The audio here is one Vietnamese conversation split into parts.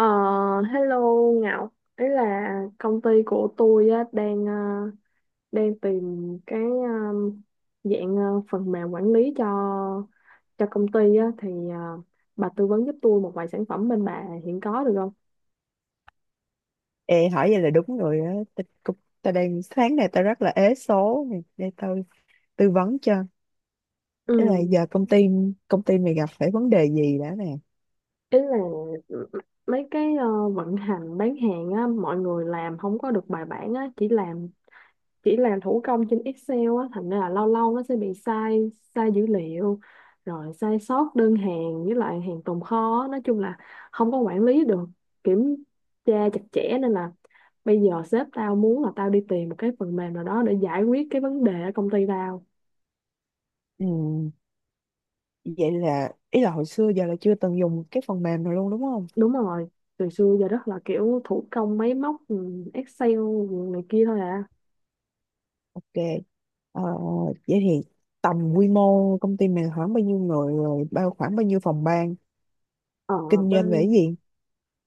Ờ, hello Ngọc. Ý là công ty của tôi á, đang đang tìm cái dạng phần mềm quản lý cho công ty á, thì ờ, bà tư vấn giúp tôi một vài sản phẩm bên bà hiện có được không? Ê, hỏi vậy là đúng rồi á. Ta, cũng- ta đang Sáng nay ta rất là ế số nè, để tao tư vấn cho. Thế là Ừ, giờ công ty mày gặp phải vấn đề gì đã nè? ý là m- mấy cái vận hành bán hàng á, mọi người làm không có được bài bản á, chỉ làm thủ công trên Excel á, thành ra là lâu lâu nó sẽ bị sai sai dữ liệu rồi sai sót đơn hàng với lại hàng tồn kho á. Nói chung là không có quản lý được, kiểm tra chặt chẽ, nên là bây giờ sếp tao muốn là tao đi tìm một cái phần mềm nào đó để giải quyết cái vấn đề ở công ty tao. Ừ, vậy là ý là hồi xưa giờ là chưa từng dùng cái phần mềm nào luôn đúng không? Đúng rồi, từ xưa giờ rất là kiểu thủ công máy móc, ừ, Excel này kia thôi à. Ok. Ờ, Vậy thì tầm quy mô công ty mình khoảng bao nhiêu người rồi khoảng bao nhiêu phòng ban ở kinh doanh về cái bên gì?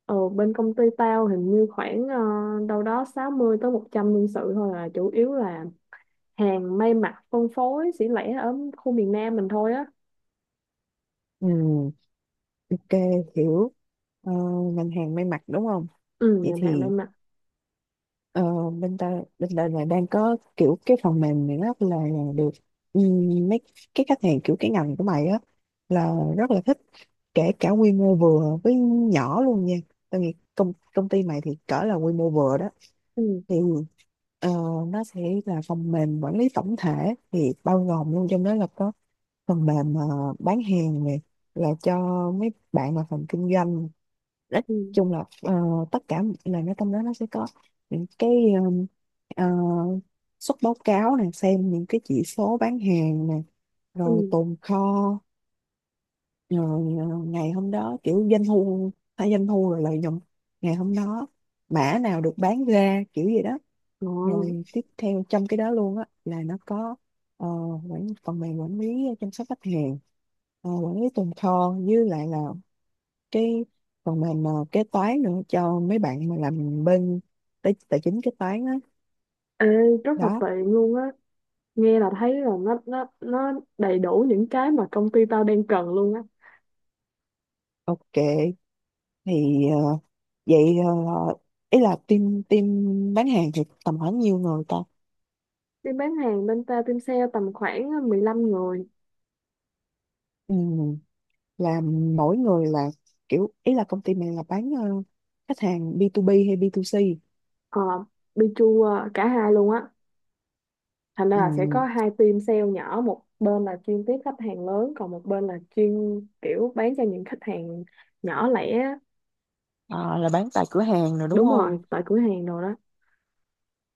Ở bên công ty tao hình như khoảng đâu đó 60 tới 100 nhân sự thôi à, chủ yếu là hàng may mặc phân phối xỉ lẻ ở khu miền Nam mình thôi á. Ừ, ok, hiểu. Ờ, Ngành hàng may mặc đúng không? Ừ, Vậy ngành hàng may thì, mặc. Ờ, bên ta là đang có kiểu cái phần mềm này rất là được. Mấy cái khách hàng kiểu cái ngành của mày á là rất là thích, kể cả quy mô vừa với nhỏ luôn nha. Tao nghĩ công công ty mày thì cỡ là quy mô vừa đó. Ừ. Thì ờ, nó sẽ là phần mềm quản lý tổng thể, thì bao gồm luôn trong đó là có phần mềm bán hàng này là cho mấy bạn mà phần kinh doanh. Nói Ừ. chung là tất cả là nó trong đó nó sẽ có những cái, um, ờ, xuất báo cáo này, xem những cái chỉ số bán hàng này, Ừ. rồi tồn kho, rồi ngày hôm đó kiểu doanh thu, hay doanh thu rồi lợi nhuận ngày hôm đó, mã nào được bán ra kiểu gì đó. Ồ. Rồi tiếp theo trong cái đó luôn á là nó có ờ, phần mềm quản lý chăm sóc khách hàng, quản lý tồn kho, với lại là cái phần mềm mà kế toán nữa cho mấy bạn mà làm bên tài chính kế toán á. Ê, rất là Đó. tiện luôn á, nghe là thấy là nó đầy đủ những cái mà công ty tao đang cần luôn á. Ok, thì ờ, vậy ý là team team bán hàng thì tầm khoảng nhiêu người ta. Team bán hàng bên tao, team sale tầm khoảng 15 người. Ừ, là mỗi người là kiểu, ý là công ty mình là bán khách hàng B2B hay B2C. Ờ, cả hai luôn á, thành ra Ừ, là sẽ có hai team sale nhỏ, một bên là chuyên tiếp khách hàng lớn, còn một bên là chuyên kiểu bán cho những khách hàng nhỏ lẻ á. ờ, là bán tại cửa hàng rồi đúng Đúng không. rồi, tại cửa hàng rồi đó.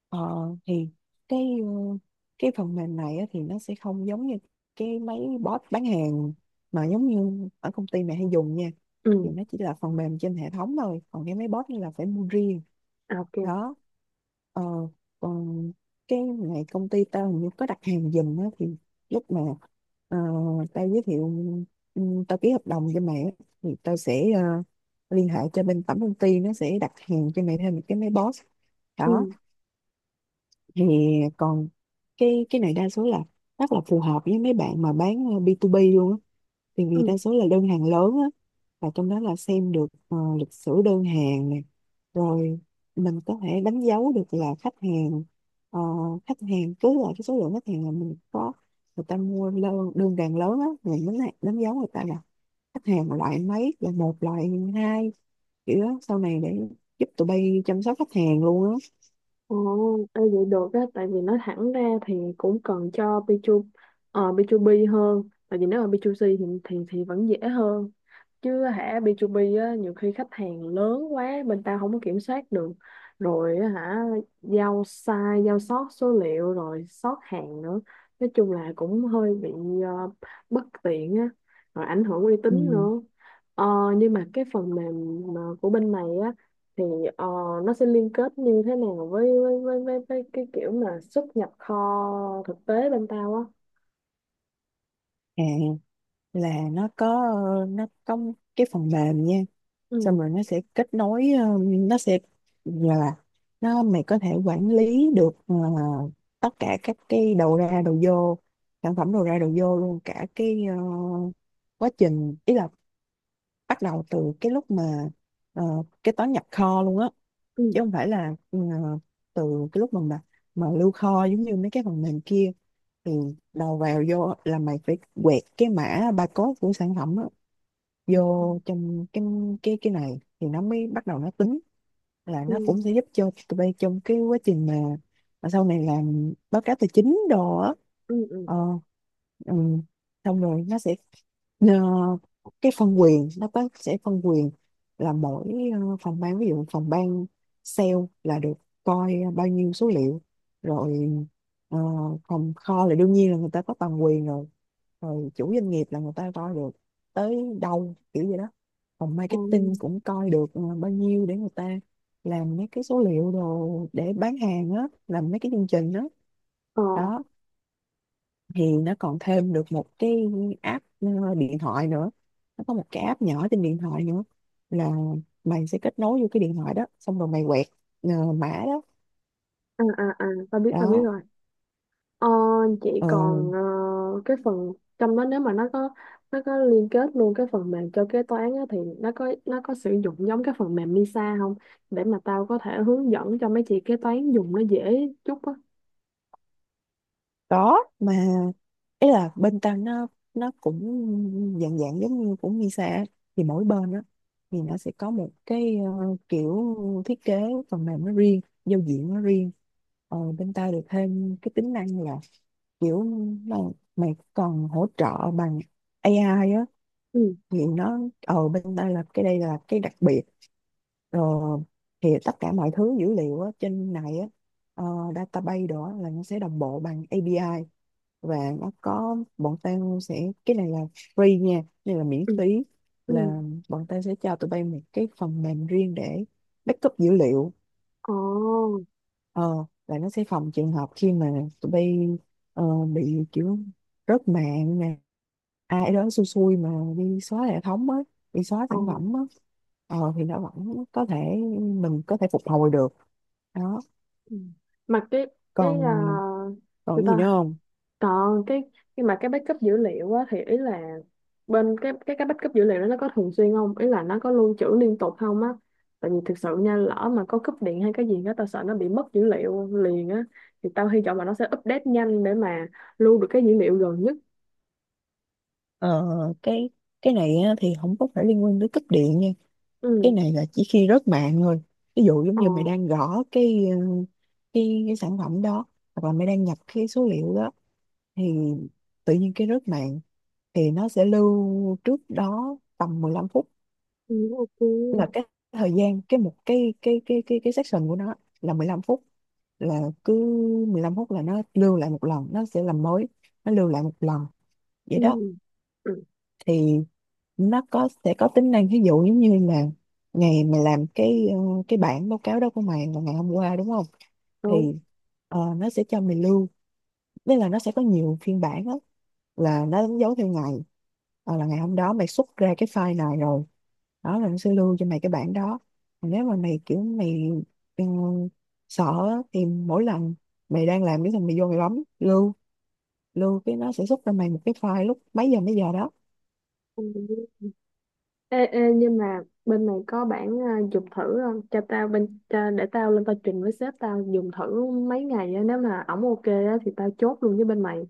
Ờ, thì cái ờ, cái phần mềm này á, thì nó sẽ không giống như cái mấy bot bán hàng mà giống như ở công ty mẹ hay dùng nha. Ừ. Thì nó chỉ là phần mềm trên hệ thống thôi, còn cái mấy bot này là phải mua riêng. À, ok. Đó. ờ, Còn cái này công ty tao hình như có đặt hàng giùm á, thì lúc mà ờ, tao giới thiệu, ừ, tao ký hợp đồng cho mẹ á, thì tao sẽ liên hệ cho bên tổng công ty, nó sẽ đặt hàng cho mẹ thêm một cái máy boss. Ừ. Đó. Thì còn cái này đa số là rất là phù hợp với mấy bạn mà bán B2B luôn á, thì vì Ừ. đa số là đơn hàng lớn á. Và trong đó là xem được lịch sử đơn hàng này, rồi mình có thể đánh dấu được là khách hàng. ờ, Khách hàng cứ là cái số lượng khách hàng là mình có, người ta mua đơn hàng lớn á, mình đánh dấu người ta là khách hàng loại mấy, là một loại hai kiểu đó, sau này để giúp tụi bay chăm sóc khách hàng luôn á. Ồ. Ê, vậy được á, tại vì nói thẳng ra thì cũng cần cho B2B hơn, tại vì nếu mà B2C thì vẫn dễ hơn chứ hả, B2B á nhiều khi khách hàng lớn quá bên tao không có kiểm soát được rồi á hả, giao sai giao sót số liệu rồi sót hàng nữa, nói chung là cũng hơi bị ờ, bất tiện á, rồi ảnh hưởng uy tín Ừ. nữa. Ờ, nhưng mà cái phần mềm mà của bên này thì ờ, nó sẽ liên kết như thế nào với cái kiểu mà xuất nhập kho thực tế bên tao á. À, là nó có cái phần mềm nha. Ừ. Xong rồi nó sẽ kết nối, nó sẽ là nó, mày có thể quản lý được tất cả các cái đầu ra đầu vô, sản phẩm đầu ra đầu vô luôn, cả cái quá trình, ý là bắt đầu từ cái lúc mà ờ, kế toán nhập kho luôn á, Ừ. chứ không phải là từ cái lúc mà lưu kho giống như mấy cái phần mềm kia. Thì đầu vào vô là mày phải quẹt cái mã barcode của sản phẩm á Ừ. vô trong cái này thì nó mới bắt đầu nó tính. Là Ừ. nó cũng sẽ giúp cho tụi bay trong cái quá trình mà sau này làm báo cáo tài chính đồ á. Ừ. Ừ. ờ, ừ. Xong rồi nó sẽ, Ờ, cái phân quyền nó sẽ phân quyền là mỗi phòng ban, ví dụ phòng ban sale là được coi bao nhiêu số liệu, rồi ờ, phòng kho là đương nhiên là người ta có toàn quyền rồi, rồi chủ doanh nghiệp là người ta coi được tới đâu kiểu vậy đó. Phòng Ừ. marketing cũng coi được bao nhiêu để người ta làm mấy cái số liệu đồ để bán hàng á, làm mấy cái chương trình đó. Ờ. Đó. Thì nó còn thêm được một cái app điện thoại nữa. Nó có một cái app nhỏ trên điện thoại nữa, là mày sẽ kết nối vô cái điện thoại đó, xong rồi mày quẹt mã đó. À, tao biết, tao biết Đó. rồi. Ờ, chị ờ, còn cái phần trong đó, nếu mà nó có liên kết luôn cái phần mềm cho kế toán á, thì nó có sử dụng giống cái phần mềm Lisa không, để mà tao có thể hướng dẫn cho mấy chị kế toán dùng nó dễ chút á. có mà, ý là bên tao nó cũng dạng dạng giống như cũng Misa á. Thì mỗi bên đó thì nó sẽ có một cái kiểu thiết kế phần mềm nó riêng, giao diện nó riêng. Bên tao được thêm cái tính năng là kiểu mà mày còn hỗ trợ bằng AI á. Ừ. Thì nó bên đây là đây là cái đặc biệt rồi. Thì tất cả mọi thứ dữ liệu á, trên này á, ờ, database đó là nó sẽ đồng bộ bằng API. Và nó có bọn tao sẽ, cái này là free nha, đây là miễn Ừ. phí. Ừ. Là bọn tao sẽ cho tụi bay một cái phần mềm riêng để backup dữ liệu. Ồ. Ờ là nó sẽ phòng trường hợp khi mà tụi bay bị kiểu rớt mạng nè, ai đó xui xui mà đi xóa hệ thống á, đi xóa Ồ. sản phẩm á. Thì nó vẫn có thể, mình có thể phục hồi được. Đó. Ừ. mà cái Còn à, còn người cái gì nữa ta không? còn cái Nhưng mà cái backup dữ liệu á, thì ý là bên cái backup dữ liệu đó nó có thường xuyên không, ý là nó có lưu trữ liên tục không á, tại vì thực sự nha, lỡ mà có cúp điện hay cái gì đó tao sợ nó bị mất dữ liệu liền á, thì tao hy vọng là nó sẽ update nhanh để mà lưu được cái dữ liệu gần nhất. ờ, cái cái này á, thì không có phải liên quan tới cấp điện nha. Cái Ừ. này là chỉ khi rớt mạng thôi. Ví dụ giống Ờ. như mày đang gõ cái cái sản phẩm đó, hoặc là mày đang nhập cái số liệu đó, thì tự nhiên cái rớt mạng, thì nó sẽ lưu trước đó tầm 15 phút. Ừ, ok. Là cái thời gian cái một cái section của nó là 15 phút. Là cứ 15 phút là nó lưu lại một lần, nó sẽ làm mới, nó lưu lại một lần, vậy Ừ. đó. Ừ. Thì nó có sẽ có tính năng ví dụ giống như là ngày mày làm cái cái bản báo cáo đó của mày là ngày hôm qua đúng không. Đúng. Thì nó sẽ cho mày lưu, nên là nó sẽ có nhiều phiên bản á, là nó đánh dấu theo ngày. Là ngày hôm đó mày xuất ra cái file này rồi, đó là nó sẽ lưu cho mày cái bản đó. Còn nếu mà mày kiểu mày ừ, sợ á, thì mỗi lần mày đang làm cái thằng mày vô mày bấm lưu lưu cái, nó sẽ xuất ra mày một cái file lúc mấy giờ đó. Ừ. Ê, ê, nhưng mà bên này có bản à, dùng thử không? Cho tao bên cho, Để tao lên tao trình với sếp tao dùng thử mấy ngày á, nếu mà ổng ok á thì tao chốt luôn với bên mày.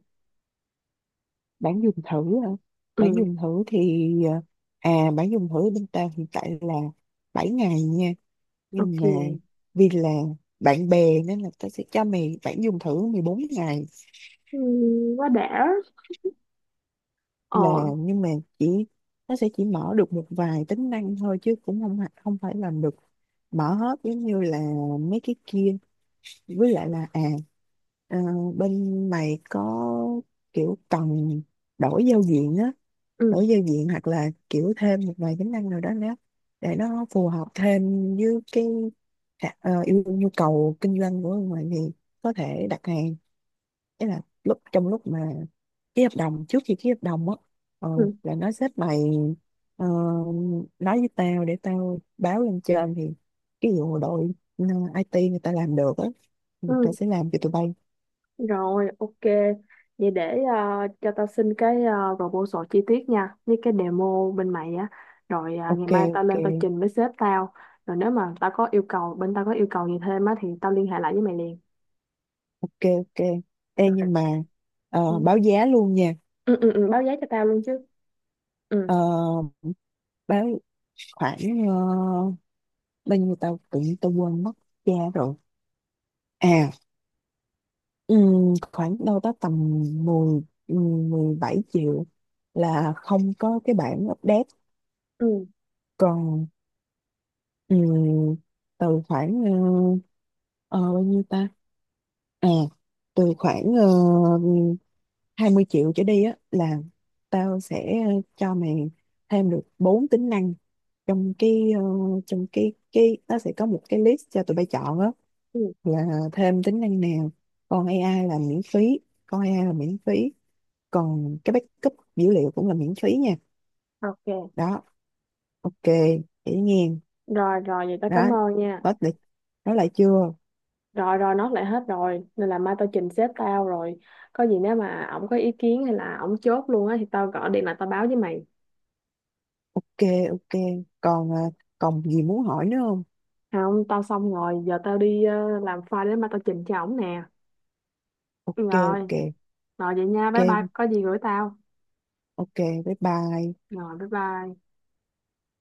Bản dùng thử hả? Bản Ừ, dùng thử thì bản dùng thử bên tao hiện tại là 7 ngày nha. Nhưng mà ok. vì là bạn bè nên là tao sẽ cho mày bạn dùng thử 14 ngày. Ừ, quá đã. Ờ. Là nhưng mà chỉ, nó sẽ chỉ mở được một vài tính năng thôi, chứ cũng không phải làm được mở hết giống như là mấy cái kia. Với lại là ờ, bên mày có kiểu cần đổi giao diện á, Ừ. đổi giao diện hoặc là kiểu thêm một vài tính năng nào đó nữa để nó phù hợp thêm với cái khả- ờ, yêu nhu cầu kinh doanh của mày thì có thể đặt hàng. Tức là trong lúc mà ký hợp đồng, trước khi ký hợp đồng á, ờ, Ừ. là nó xếp mày ờ, nói với tao để tao báo lên trên, thì cái vụ đội ừ, IT người ta làm được á. Ừ, tao Ừ. sẽ làm cho tụi bay. Rồi, ok. Vậy để à, cho tao xin cái proposal chi tiết nha, với cái demo bên mày á. Rồi à, ngày Ok. mai tao Ok. lên tao trình với sếp tao. Rồi nếu mà tao có yêu cầu, bên tao có yêu cầu gì thêm á thì tao liên hệ lại với mày liền. Ok. Ok. Ê, Rồi. nhưng mà báo giá luôn nha. Ừ, ừ, ừ, báo giá cho tao luôn chứ. Ờ, Ừ. Báo khoảng ờ, bao nhiêu, tao tự nhiên tao quên mất giá rồi. À khoảng đâu đó tầm 10 17 triệu, là không có cái bản update. Ừ. Còn ừm, từ khoảng ờ, bao nhiêu ta, à từ khoảng 20 triệu trở đi á là tao sẽ cho mày thêm được 4 tính năng, trong cái trong cái nó sẽ có một cái list cho tụi bay chọn á Ừ. là thêm tính năng nào. Còn AI là miễn phí. Còn AI là miễn phí. Còn cái backup dữ liệu cũng là miễn phí nha. Ok. Đó. Ok. Dễ nghe. Rồi rồi, vậy tao Đó. cảm ơn nha. Hết lịch nói lại chưa. Rồi rồi, nó lại hết rồi nên là mai tao trình sếp tao rồi, có gì nếu mà ổng có ý kiến hay là ổng chốt luôn á thì tao gọi điện lại tao báo với mày. Ok. Ok. Còn còn gì muốn hỏi nữa không? À, không, tao xong rồi, giờ tao đi làm file để mai tao trình cho ổng nè. Ok. Rồi. Ok. Rồi, vậy nha, bye bye, Ok. có gì gửi tao. Ok. Bye bye. Rồi, bye bye.